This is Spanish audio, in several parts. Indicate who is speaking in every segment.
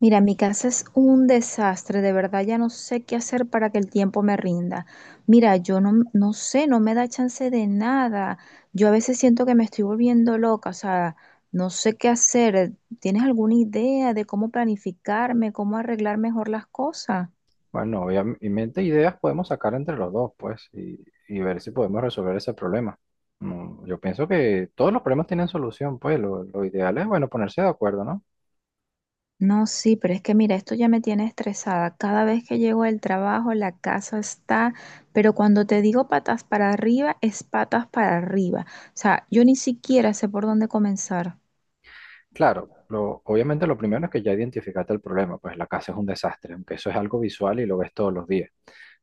Speaker 1: Mira, mi casa es un desastre, de verdad ya no sé qué hacer para que el tiempo me rinda. Mira, yo no sé, no me da chance de nada. Yo a veces siento que me estoy volviendo loca, o sea, no sé qué hacer. ¿Tienes alguna idea de cómo planificarme, cómo arreglar mejor las cosas?
Speaker 2: Bueno, obviamente ideas podemos sacar entre los dos, pues, y ver si podemos resolver ese problema. Yo pienso que todos los problemas tienen solución, pues, lo ideal es, bueno, ponerse de acuerdo, ¿no?
Speaker 1: No, sí, pero es que mira, esto ya me tiene estresada. Cada vez que llego del trabajo, la casa está, pero cuando te digo patas para arriba, es patas para arriba. O sea, yo ni siquiera sé por dónde comenzar.
Speaker 2: Claro, obviamente lo primero es que ya identificaste el problema, pues la casa es un desastre, aunque eso es algo visual y lo ves todos los días.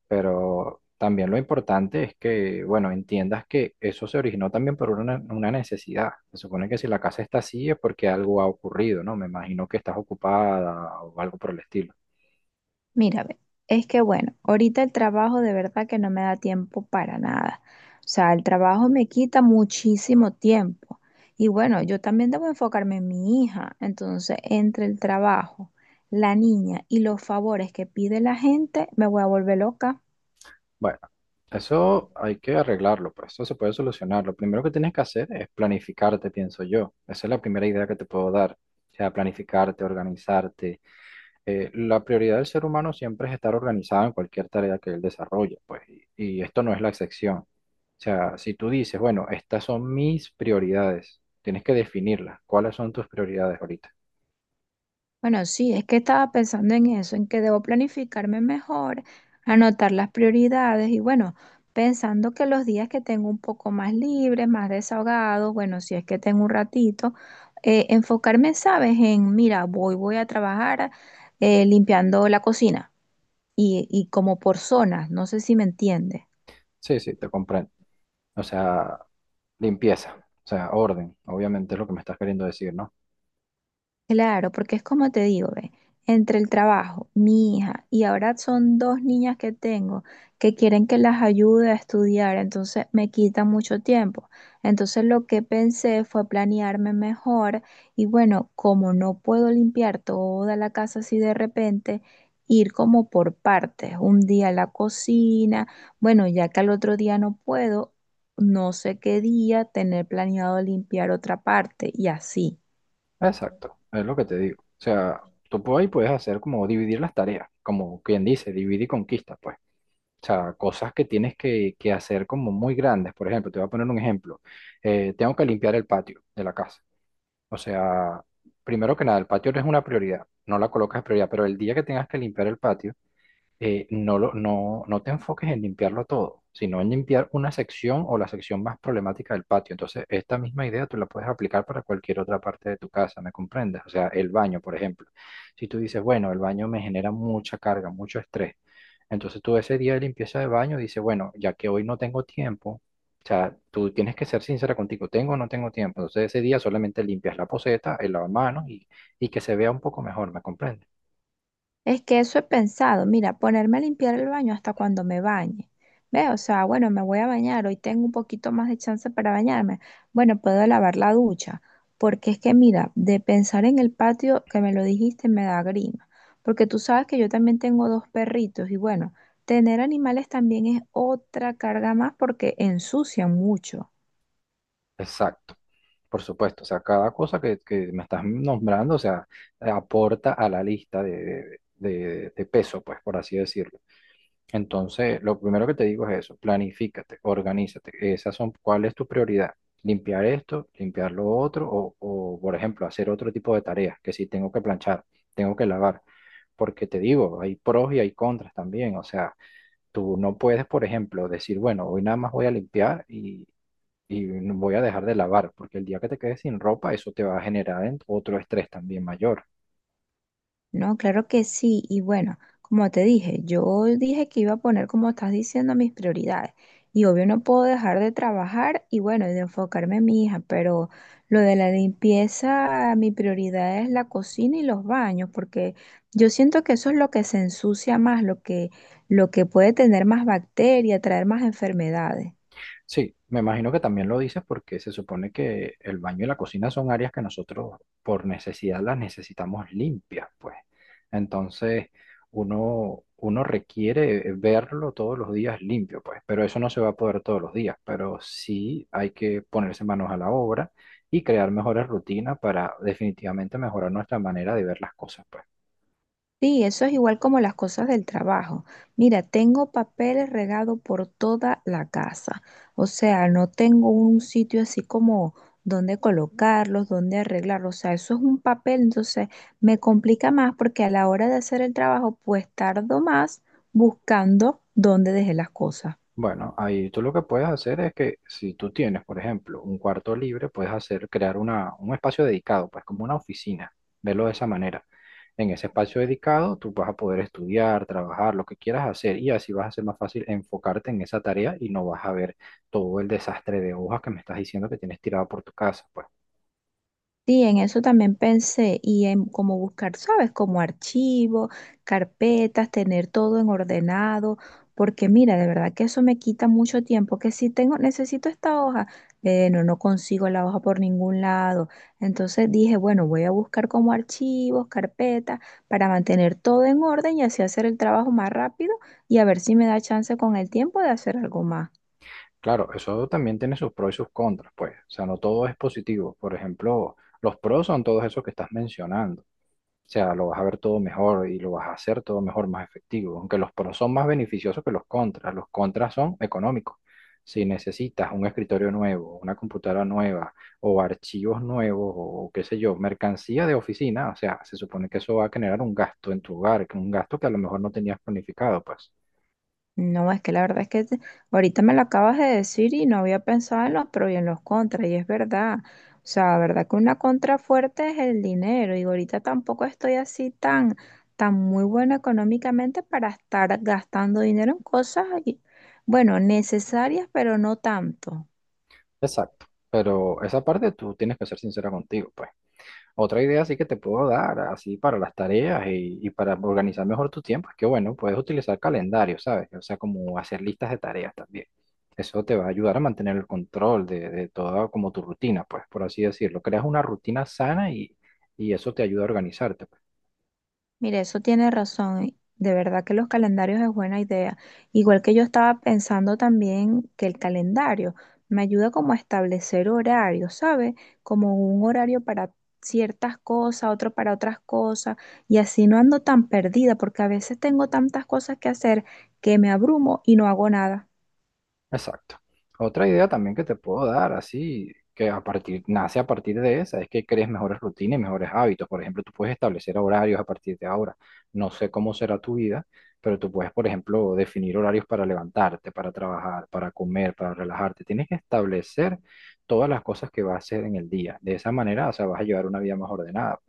Speaker 2: Pero también lo importante es que, bueno, entiendas que eso se originó también por una necesidad. Se supone que si la casa está así es porque algo ha ocurrido, ¿no? Me imagino que estás ocupada o algo por el estilo.
Speaker 1: Mira, ve, es que bueno, ahorita el trabajo de verdad que no me da tiempo para nada. O sea, el trabajo me quita muchísimo tiempo. Y bueno, yo también debo enfocarme en mi hija. Entonces, entre el trabajo, la niña y los favores que pide la gente, me voy a volver loca.
Speaker 2: Bueno, eso hay que arreglarlo, pues eso se puede solucionar. Lo primero que tienes que hacer es planificarte, pienso yo. Esa es la primera idea que te puedo dar. O sea, planificarte, organizarte. La prioridad del ser humano siempre es estar organizado en cualquier tarea que él desarrolle, pues, y esto no es la excepción. O sea, si tú dices, bueno, estas son mis prioridades, tienes que definirlas. ¿Cuáles son tus prioridades ahorita?
Speaker 1: Bueno, sí, es que estaba pensando en eso, en que debo planificarme mejor, anotar las prioridades y bueno, pensando que los días que tengo un poco más libres, más desahogados, bueno, si es que tengo un ratito, enfocarme, ¿sabes? En, mira, voy a trabajar limpiando la cocina y como por zonas, no sé si me entiendes.
Speaker 2: Sí, sí, te comprendo. O sea, limpieza, o sea, orden, obviamente es lo que me estás queriendo decir, ¿no?
Speaker 1: Claro, porque es como te digo, ve, entre el trabajo, mi hija, y ahora son dos niñas que tengo que quieren que las ayude a estudiar, entonces me quita mucho tiempo. Entonces lo que pensé fue planearme mejor y bueno, como no puedo limpiar toda la casa así de repente, ir como por partes, un día la cocina, bueno, ya que al otro día no puedo, no sé qué día tener planeado limpiar otra parte y así.
Speaker 2: Exacto, es lo que te digo. O sea, tú por ahí puedes hacer como dividir las tareas, como quien dice, divide y conquista, pues. O sea, cosas que tienes que hacer como muy grandes. Por ejemplo, te voy a poner un ejemplo. Tengo que limpiar el patio de la casa. O sea, primero que nada, el patio no es una prioridad, no la colocas en prioridad, pero el día que tengas que limpiar el patio, no te enfoques en limpiarlo todo, sino en limpiar una sección o la sección más problemática del patio. Entonces, esta misma idea tú la puedes aplicar para cualquier otra parte de tu casa, ¿me comprendes? O sea, el baño, por ejemplo. Si tú dices, bueno, el baño me genera mucha carga, mucho estrés, entonces tú ese día de limpieza de baño dices, bueno, ya que hoy no tengo tiempo, o sea, tú tienes que ser sincera contigo, ¿tengo o no tengo tiempo? Entonces, ese día solamente limpias la poceta, el lavamanos y que se vea un poco mejor, ¿me comprendes?
Speaker 1: Es que eso he pensado, mira, ponerme a limpiar el baño hasta cuando me bañe. ¿Ves? O sea, bueno, me voy a bañar, hoy tengo un poquito más de chance para bañarme. Bueno, puedo lavar la ducha, porque es que mira, de pensar en el patio que me lo dijiste me da grima, porque tú sabes que yo también tengo dos perritos y bueno, tener animales también es otra carga más porque ensucian mucho.
Speaker 2: Exacto. Por supuesto, o sea, cada cosa que me estás nombrando, o sea, aporta a la lista de, de peso, pues, por así decirlo. Entonces, lo primero que te digo es eso, planifícate, organízate. Esas son, ¿cuál es tu prioridad? ¿Limpiar esto, limpiar lo otro? O, por ejemplo, hacer otro tipo de tareas, que si tengo que planchar, tengo que lavar. Porque te digo, hay pros y hay contras también. O sea, tú no puedes, por ejemplo, decir, bueno, hoy nada más voy a limpiar y no voy a dejar de lavar, porque el día que te quedes sin ropa, eso te va a generar otro estrés también mayor.
Speaker 1: No, claro que sí. Y bueno, como te dije, yo dije que iba a poner, como estás diciendo, mis prioridades. Y obvio no puedo dejar de trabajar y bueno, y de enfocarme en mi hija, pero lo de la limpieza, mi prioridad es la cocina y los baños, porque yo siento que eso es lo que se ensucia más, lo que puede tener más bacterias, traer más enfermedades.
Speaker 2: Sí, me imagino que también lo dices porque se supone que el baño y la cocina son áreas que nosotros por necesidad las necesitamos limpias, pues. Entonces, uno requiere verlo todos los días limpio, pues, pero eso no se va a poder todos los días, pero sí hay que ponerse manos a la obra y crear mejores rutinas para definitivamente mejorar nuestra manera de ver las cosas, pues.
Speaker 1: Sí, eso es igual como las cosas del trabajo. Mira, tengo papeles regados por toda la casa. O sea, no tengo un sitio así como donde colocarlos, donde arreglarlos. O sea, eso es un papel, entonces me complica más porque a la hora de hacer el trabajo, pues tardo más buscando dónde dejé las cosas.
Speaker 2: Bueno, ahí tú lo que puedes hacer es que si tú tienes, por ejemplo, un cuarto libre, puedes hacer, crear un espacio dedicado, pues como una oficina, verlo de esa manera. En ese espacio dedicado tú vas a poder estudiar, trabajar, lo que quieras hacer y así vas a ser más fácil enfocarte en esa tarea y no vas a ver todo el desastre de hojas que me estás diciendo que tienes tirado por tu casa, pues.
Speaker 1: Sí, en eso también pensé y en cómo buscar, ¿sabes? Como archivos, carpetas, tener todo en ordenado, porque mira, de verdad que eso me quita mucho tiempo, que si tengo, necesito esta hoja, eh, no consigo la hoja por ningún lado. Entonces dije, bueno, voy a buscar como archivos, carpetas, para mantener todo en orden y así hacer el trabajo más rápido y a ver si me da chance con el tiempo de hacer algo más.
Speaker 2: Claro, eso también tiene sus pros y sus contras, pues. O sea, no todo es positivo. Por ejemplo, los pros son todos esos que estás mencionando. O sea, lo vas a ver todo mejor y lo vas a hacer todo mejor, más efectivo. Aunque los pros son más beneficiosos que los contras. Los contras son económicos. Si necesitas un escritorio nuevo, una computadora nueva o archivos nuevos o qué sé yo, mercancía de oficina, o sea, se supone que eso va a generar un gasto en tu hogar, que un gasto que a lo mejor no tenías planificado, pues.
Speaker 1: No, es que la verdad es que te- ahorita me lo acabas de decir y no había pensado en los pros y en los contras, y es verdad. O sea, la verdad que una contra fuerte es el dinero, y ahorita tampoco estoy así tan, tan muy buena económicamente para estar gastando dinero en cosas, y- bueno, necesarias, pero no tanto.
Speaker 2: Exacto. Pero esa parte tú tienes que ser sincera contigo, pues. Otra idea sí que te puedo dar, así para las tareas y para organizar mejor tu tiempo, es que bueno, puedes utilizar calendarios, ¿sabes? O sea, como hacer listas de tareas también. Eso te va a ayudar a mantener el control de toda como tu rutina, pues, por así decirlo. Creas una rutina sana y eso te ayuda a organizarte.
Speaker 1: Mire, eso tiene razón. De verdad que los calendarios es buena idea. Igual que yo estaba pensando también que el calendario me ayuda como a establecer horarios, ¿sabe? Como un horario para ciertas cosas, otro para otras cosas, y así no ando tan perdida, porque a veces tengo tantas cosas que hacer que me abrumo y no hago nada.
Speaker 2: Exacto. Otra idea también que te puedo dar, así que a partir, nace a partir de esa, es que crees mejores rutinas y mejores hábitos. Por ejemplo, tú puedes establecer horarios a partir de ahora. No sé cómo será tu vida, pero tú puedes, por ejemplo, definir horarios para levantarte, para trabajar, para comer, para relajarte. Tienes que establecer todas las cosas que vas a hacer en el día. De esa manera, o sea, vas a llevar una vida más ordenada.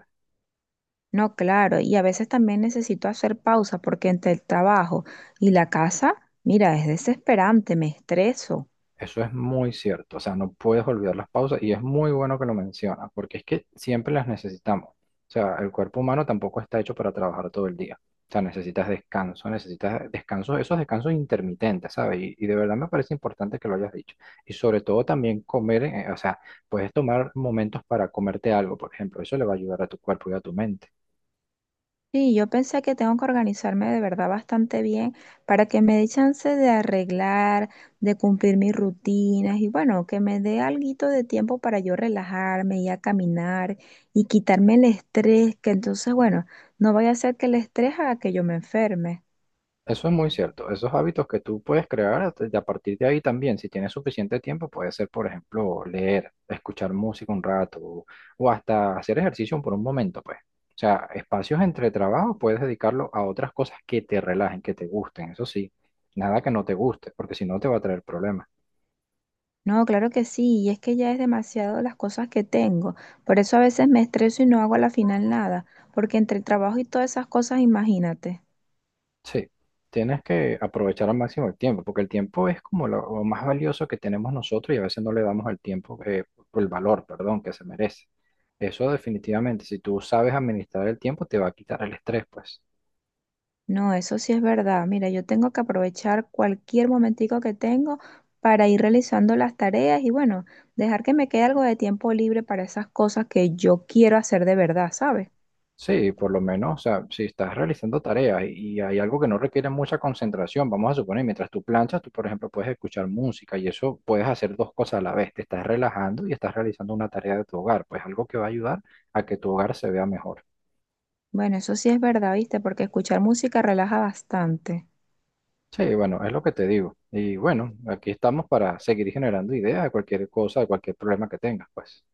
Speaker 1: No, claro, y a veces también necesito hacer pausa porque entre el trabajo y la casa, mira, es desesperante, me estreso.
Speaker 2: Eso es muy cierto, o sea, no puedes olvidar las pausas y es muy bueno que lo mencionas, porque es que siempre las necesitamos. O sea, el cuerpo humano tampoco está hecho para trabajar todo el día. O sea, necesitas descanso, esos descansos intermitentes, ¿sabes? Y de verdad me parece importante que lo hayas dicho. Y sobre todo también comer, o sea, puedes tomar momentos para comerte algo, por ejemplo, eso le va a ayudar a tu cuerpo y a tu mente.
Speaker 1: Sí, yo pensé que tengo que organizarme de verdad bastante bien para que me dé chance de arreglar, de cumplir mis rutinas y bueno, que me dé alguito de tiempo para yo relajarme y a caminar y quitarme el estrés, que entonces, bueno, no vaya a ser que el estrés haga que yo me enferme.
Speaker 2: Eso es muy cierto. Esos hábitos que tú puedes crear y a partir de ahí también, si tienes suficiente tiempo, puede ser, por ejemplo, leer, escuchar música un rato o hasta hacer ejercicio por un momento, pues. O sea, espacios entre trabajo puedes dedicarlo a otras cosas que te relajen, que te gusten, eso sí. Nada que no te guste, porque si no te va a traer problemas.
Speaker 1: No, claro que sí, y es que ya es demasiado las cosas que tengo. Por eso a veces me estreso y no hago a la final nada, porque entre el trabajo y todas esas cosas, imagínate.
Speaker 2: Sí, tienes que aprovechar al máximo el tiempo, porque el tiempo es como lo más valioso que tenemos nosotros y a veces no le damos al tiempo, el valor, perdón, que se merece. Eso definitivamente, si tú sabes administrar el tiempo, te va a quitar el estrés, pues.
Speaker 1: No, eso sí es verdad. Mira, yo tengo que aprovechar cualquier momentico que tengo para ir realizando las tareas y bueno, dejar que me quede algo de tiempo libre para esas cosas que yo quiero hacer de verdad, ¿sabes?
Speaker 2: Sí, por lo menos, o sea, si estás realizando tareas y hay algo que no requiere mucha concentración, vamos a suponer, mientras tú planchas, tú, por ejemplo, puedes escuchar música y eso puedes hacer dos cosas a la vez, te estás relajando y estás realizando una tarea de tu hogar, pues algo que va a ayudar a que tu hogar se vea mejor.
Speaker 1: Bueno, eso sí es verdad, ¿viste? Porque escuchar música relaja bastante.
Speaker 2: Sí, bueno, es lo que te digo. Y bueno, aquí estamos para seguir generando ideas de cualquier cosa, de cualquier problema que tengas, pues.